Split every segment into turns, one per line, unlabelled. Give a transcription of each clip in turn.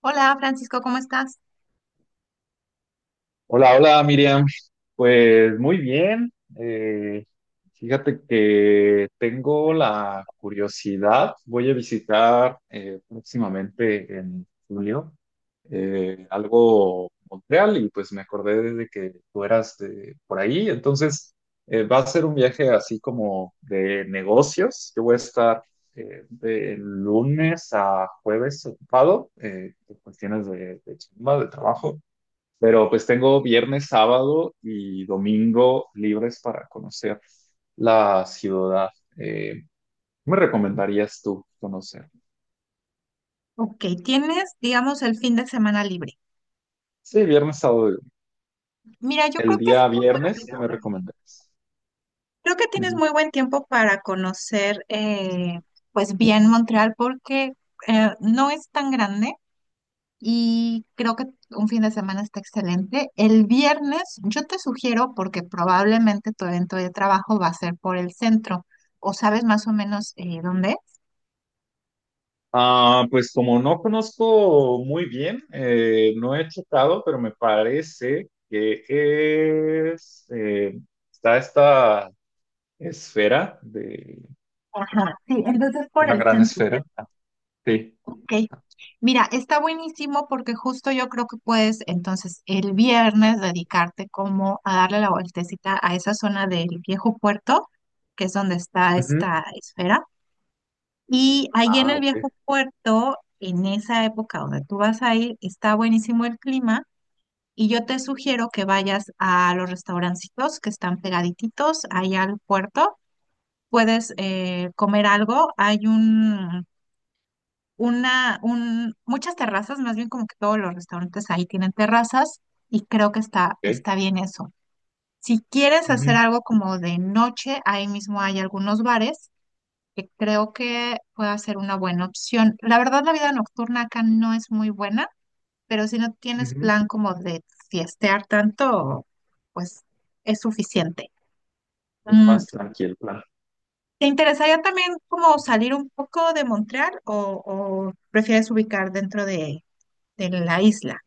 Hola Francisco, ¿cómo estás?
Hola, hola Miriam. Pues muy bien. Eh, Fíjate que tengo la curiosidad. Voy a visitar próximamente en julio algo Montreal y pues me acordé de que tú eras de por ahí. Entonces, va a ser un viaje así como de negocios. Yo voy a estar de lunes a jueves ocupado por cuestiones de chamba, de trabajo. Pero pues tengo viernes, sábado y domingo libres para conocer la ciudad. Eh, ¿Qué me recomendarías tú conocer?
Ok, tienes, digamos, el fin de semana libre.
Sí, viernes, sábado, y domingo.
Mira, yo
El
creo que es
día
algo muy
viernes, ¿qué me
bueno.
recomendarías?
Creo que tienes
Ujú.
muy buen tiempo para conocer, pues bien Montreal, porque no es tan grande y creo que un fin de semana está excelente. El viernes, yo te sugiero, porque probablemente tu evento de trabajo va a ser por el centro, o sabes más o menos dónde es.
Ah, pues como no conozco muy bien, no he checado, pero me parece que es, está esta esfera de
Ajá, sí, entonces por
una
el
gran
centro.
esfera. Sí.
Ok. Mira, está buenísimo porque justo yo creo que puedes entonces el viernes dedicarte como a darle la vueltecita a esa zona del viejo puerto, que es donde está
Ujú.
esta esfera. Y ahí en
Ah,
el
ok,
viejo puerto, en esa época donde tú vas a ir, está buenísimo el clima. Y yo te sugiero que vayas a los restaurancitos que están pegaditos allá al puerto. Puedes comer algo. Hay un una, un, Muchas terrazas, más bien como que todos los restaurantes ahí tienen terrazas y creo que
ok.
está bien eso. Si quieres hacer
Ujú.
algo como de noche, ahí mismo hay algunos bares que creo que puede ser una buena opción. La verdad, la vida nocturna acá no es muy buena, pero si no tienes
Ujú.
plan como de fiestear tanto, pues es suficiente.
Es
Mm,
más tranquilo el plan.
¿Te interesaría también como salir un poco de Montreal o prefieres ubicar dentro de la isla?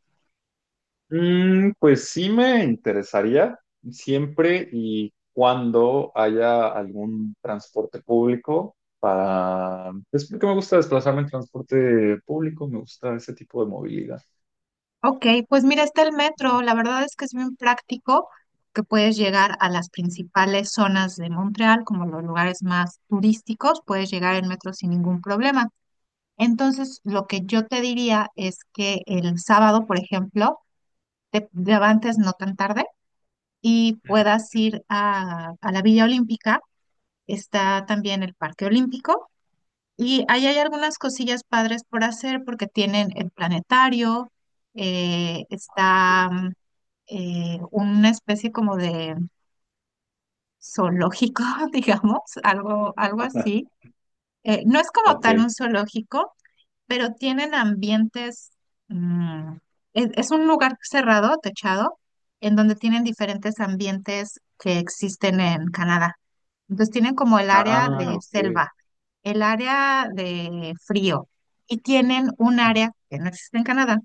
Pues sí me interesaría, siempre y cuando haya algún transporte público para... Es porque me gusta desplazarme en transporte público, me gusta ese tipo de movilidad.
Ok, pues mira, está el metro. La verdad es que es bien práctico que puedes llegar a las principales zonas de Montreal, como los lugares más turísticos, puedes llegar en metro sin ningún problema. Entonces, lo que yo te diría es que el sábado, por ejemplo, te levantes no tan tarde y puedas ir a la Villa Olímpica. Está también el Parque Olímpico. Y ahí hay algunas cosillas padres por hacer porque tienen el planetario, eh, está mm, una especie como de zoológico, digamos, algo, algo
Ajá.
así. No es como
Ok.
tal un zoológico, pero tienen ambientes, mm, es un lugar cerrado, techado, en donde tienen diferentes ambientes que existen en Canadá. Entonces tienen como el área
Ah,
de
ok.
selva, el área de frío y tienen un área que no existe en Canadá,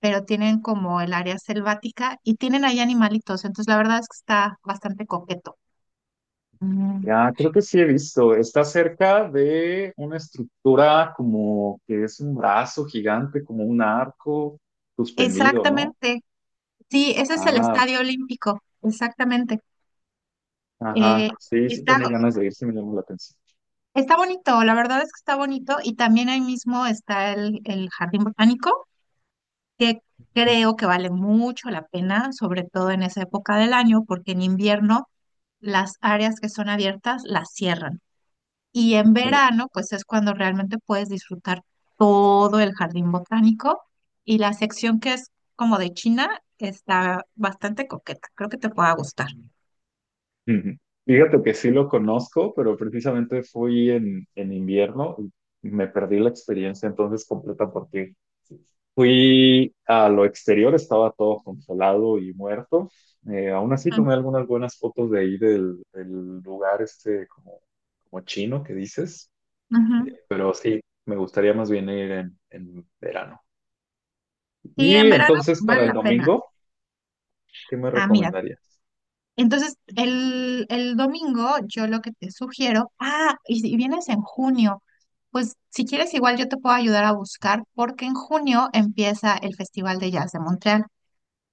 pero tienen como el área selvática y tienen ahí animalitos. Entonces la verdad es que está bastante coqueto. Mm.
Ya, creo que sí he visto. Está cerca de una estructura como que es un brazo gigante, como un arco suspendido, ¿no?
Exactamente. Sí, ese es el
Ah,
Estadio Olímpico. Exactamente.
ajá,
Eh,
sí, sí
Está
tengo ganas de ir, sí me llamó la atención.
Está bonito, la verdad es que está bonito y también ahí mismo está el jardín botánico, que creo que vale mucho la pena, sobre todo en esa época del año, porque en invierno las áreas que son abiertas las cierran y en
Ujú.
verano pues es cuando realmente puedes disfrutar todo el jardín botánico y la sección que es como de China está bastante coqueta, creo que te pueda gustar.
Ujú. Fíjate que sí lo conozco, pero precisamente fui en invierno y me perdí la experiencia entonces completa porque fui a lo exterior, estaba todo congelado y muerto. Aún así
Mm,
tomé algunas buenas fotos de ahí del lugar este como, como chino que dices,
ujú.
pero sí, me gustaría más bien ir en verano.
Y
Y
en verano
entonces para
vale
el
la pena.
domingo, ¿qué me
Ah, mira.
recomendarías?
Entonces, el domingo yo lo que te sugiero, ah, y si vienes en junio, pues si quieres igual yo te puedo ayudar a buscar porque en junio empieza el Festival de Jazz de Montreal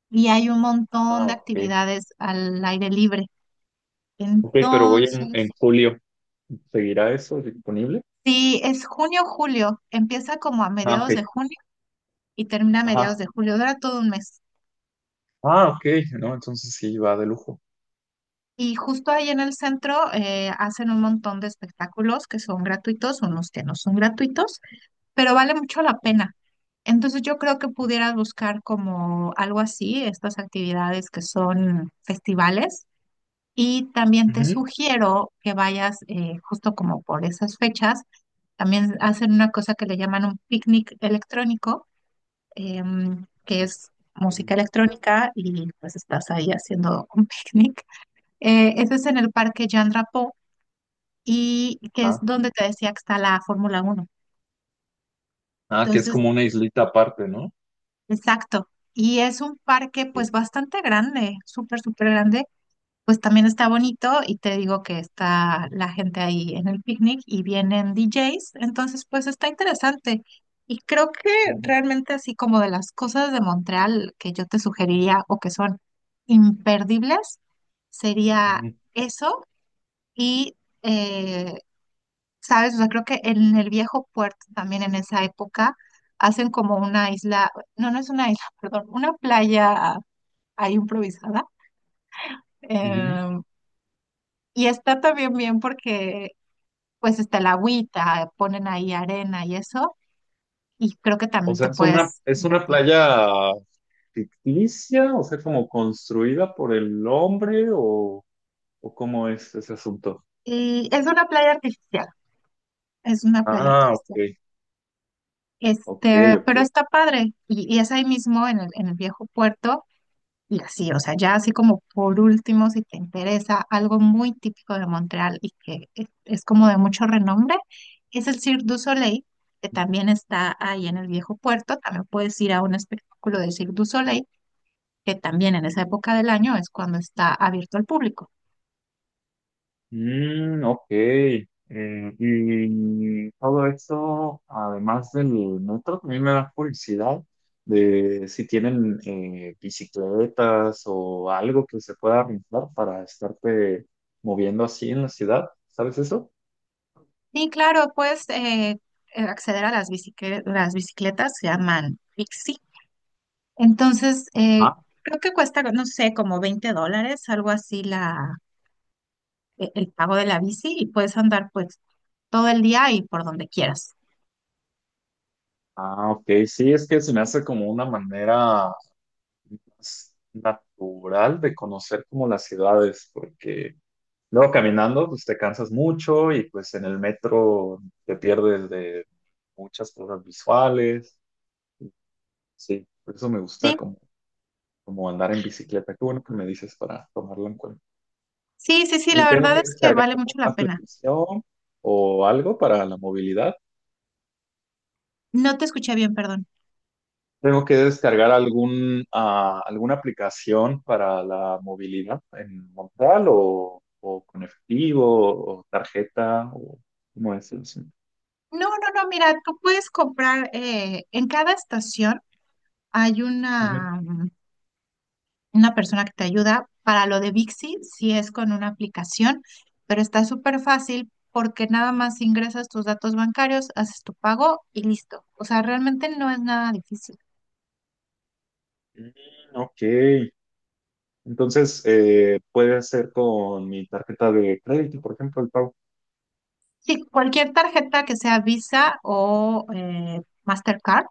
y hay un montón
Ah,
de
ok.
actividades al aire libre.
Ok, pero voy en
Entonces,
julio. ¿Seguirá eso disponible?
si es junio, julio, empieza como a
Ah,
mediados de
ok.
junio y termina a mediados
Ajá.
de julio, dura todo un mes.
Ah, ok. No, entonces sí, va de lujo.
Y justo ahí en el centro hacen un montón de espectáculos que son gratuitos, unos que no son gratuitos, pero vale mucho la pena. Entonces yo creo que pudieras buscar como algo así, estas actividades que son festivales. Y también te
Ujú.
sugiero que vayas justo como por esas fechas. También hacen una cosa que le llaman un picnic electrónico, que es
Ok.
música electrónica y pues estás ahí haciendo un picnic. Ese es en el Parque Jean Drapeau y que es
Ah,
donde te decía que está la Fórmula Uno.
ah, que es
Entonces,
como una islita aparte, ¿no?
Exacto. Y es un parque pues
Sí.
bastante grande, súper, súper grande. Pues también está bonito y te digo que está la gente ahí en el picnic y vienen DJs. Entonces pues está interesante. Y creo que
Ujú,
realmente así como de las cosas de Montreal que yo te sugeriría o que son imperdibles, sería
ujú,
eso y... eh, ¿Sabes? O sea, creo que en el viejo puerto también en esa época hacen como una isla, no es una isla, perdón, una playa ahí improvisada.
ujú.
em, y está también bien porque pues está el agüita, ponen ahí arena y eso, y creo que
O
también te
sea,
puedes
es una
divertir.
playa ficticia, o sea, como construida por el hombre, o cómo es ese asunto.
Y es una playa artificial, es una playa
Ah, ok,
artificial.
ok,
Este, pero
ok.
está padre, y es ahí mismo en en el viejo puerto. Y así, o sea, ya así como por último, si te interesa algo muy típico de Montreal y que es como de mucho renombre, es el Cirque du Soleil, que también está ahí en el viejo puerto. También puedes ir a un espectáculo de Cirque du Soleil, que también en esa época del año es cuando está abierto al público.
Mm, ok. Y todo esto, además del metro, también me da curiosidad de si tienen bicicletas o algo que se pueda rentar para estarte moviendo así en la ciudad. ¿Sabes eso?
Y claro, puedes acceder a las bicicletas se llaman Pixie. Entonces,
Ah,
creo que cuesta, no sé, como 20 dólares, algo así la e- el pago de la bici y puedes andar pues todo el día y por donde quieras.
ah, ok. Sí, es que se me hace como una manera más natural de conocer como las ciudades, porque luego caminando, pues te cansas mucho y pues en el metro te pierdes de muchas cosas visuales. Sí, por eso me gusta
Sí,
como, como andar en bicicleta. Qué bueno que me dices para tomarlo en cuenta.
sí, sí, sí, la
Y tengo
verdad
que
es que
descargar
vale
alguna
mucho la pena.
aplicación o algo para la movilidad.
No te escuché bien, perdón.
Tengo que descargar algún, ah, alguna aplicación para la movilidad en Montreal o con efectivo o tarjeta o ¿cómo es el asunto?
No, no, no, mira, tú puedes comprar, en cada estación hay
Ujú.
una persona que te ayuda. Para lo de Bixi, si es con una aplicación, pero está súper fácil porque nada más ingresas tus datos bancarios, haces tu pago y listo. O sea, realmente no es nada difícil.
Mm, ok. Entonces, puede hacer con mi tarjeta de crédito, por ejemplo, el pago.
Sí, cualquier tarjeta que sea Visa o Mastercard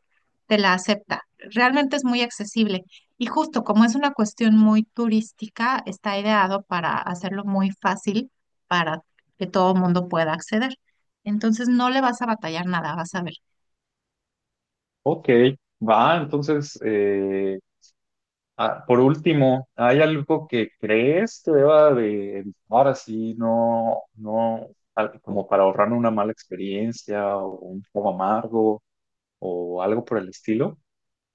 te la acepta. Realmente es muy accesible. Y justo como es una cuestión muy turística, está ideado para hacerlo muy fácil para que todo el mundo pueda acceder. Entonces no le vas a batallar nada, vas a ver.
Ok, va, entonces, ah, por último, ¿hay algo que crees que deba de evitar así, no, no, al- como para ahorrarme una mala experiencia o un poco amargo o algo por el estilo?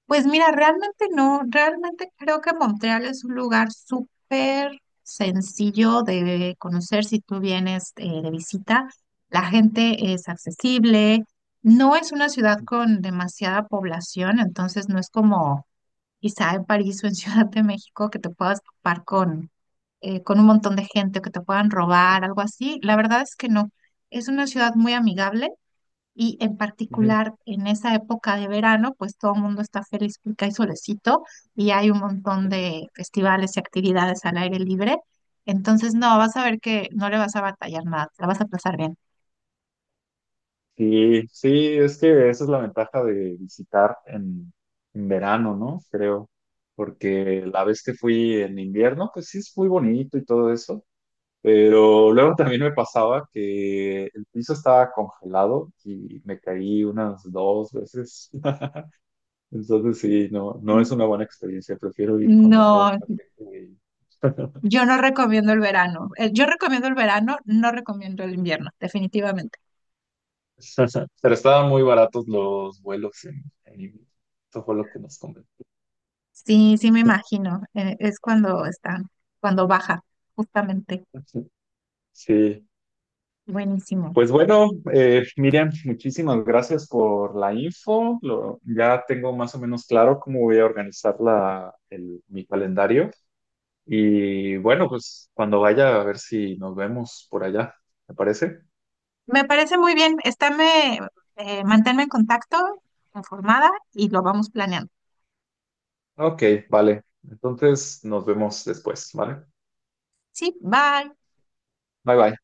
Pues mira, realmente no, realmente creo que Montreal es un lugar súper sencillo de conocer si tú vienes de visita. La gente es accesible, no es una ciudad con demasiada población, entonces no es como quizá en París o en Ciudad de México que te puedas topar con un montón de gente o que te puedan robar, algo así. La verdad es que no, es una ciudad muy amigable y en particular en esa época de verano, pues todo el mundo está feliz porque hay solecito y hay un montón
Ujú.
de festivales y actividades al aire libre. Entonces, no, vas a ver que no le vas a batallar nada, te la vas a pasar bien.
Sí, sí, es que esa es la ventaja de visitar en verano, ¿no? Creo, porque la vez que fui en invierno, pues sí es muy bonito y todo eso, pero luego también me pasaba que el piso estaba congelado y me caí unas 2 veces. Entonces sí, no, no es
Mm.
una buena experiencia, prefiero ir cuando todo
No,
está seco y-
yo no recomiendo el verano. Yo recomiendo el verano, no recomiendo el invierno, definitivamente.
Pero estaban muy baratos los vuelos en invierno. Eso fue lo que nos convenció.
Sí, sí me imagino, es cuando está, cuando baja, justamente.
Sí,
Buenísimo.
pues bueno, Miriam, muchísimas gracias por la info. Lo- ya tengo más o menos claro cómo voy a organizar la, el- mi calendario. Y bueno, pues cuando vaya a ver si nos vemos por allá, ¿te parece?
Me parece muy bien. Estáme, manténme en contacto, informada y lo vamos planeando.
Ok, vale. Entonces nos vemos después, ¿vale?
Sí, bye.
Bye bye.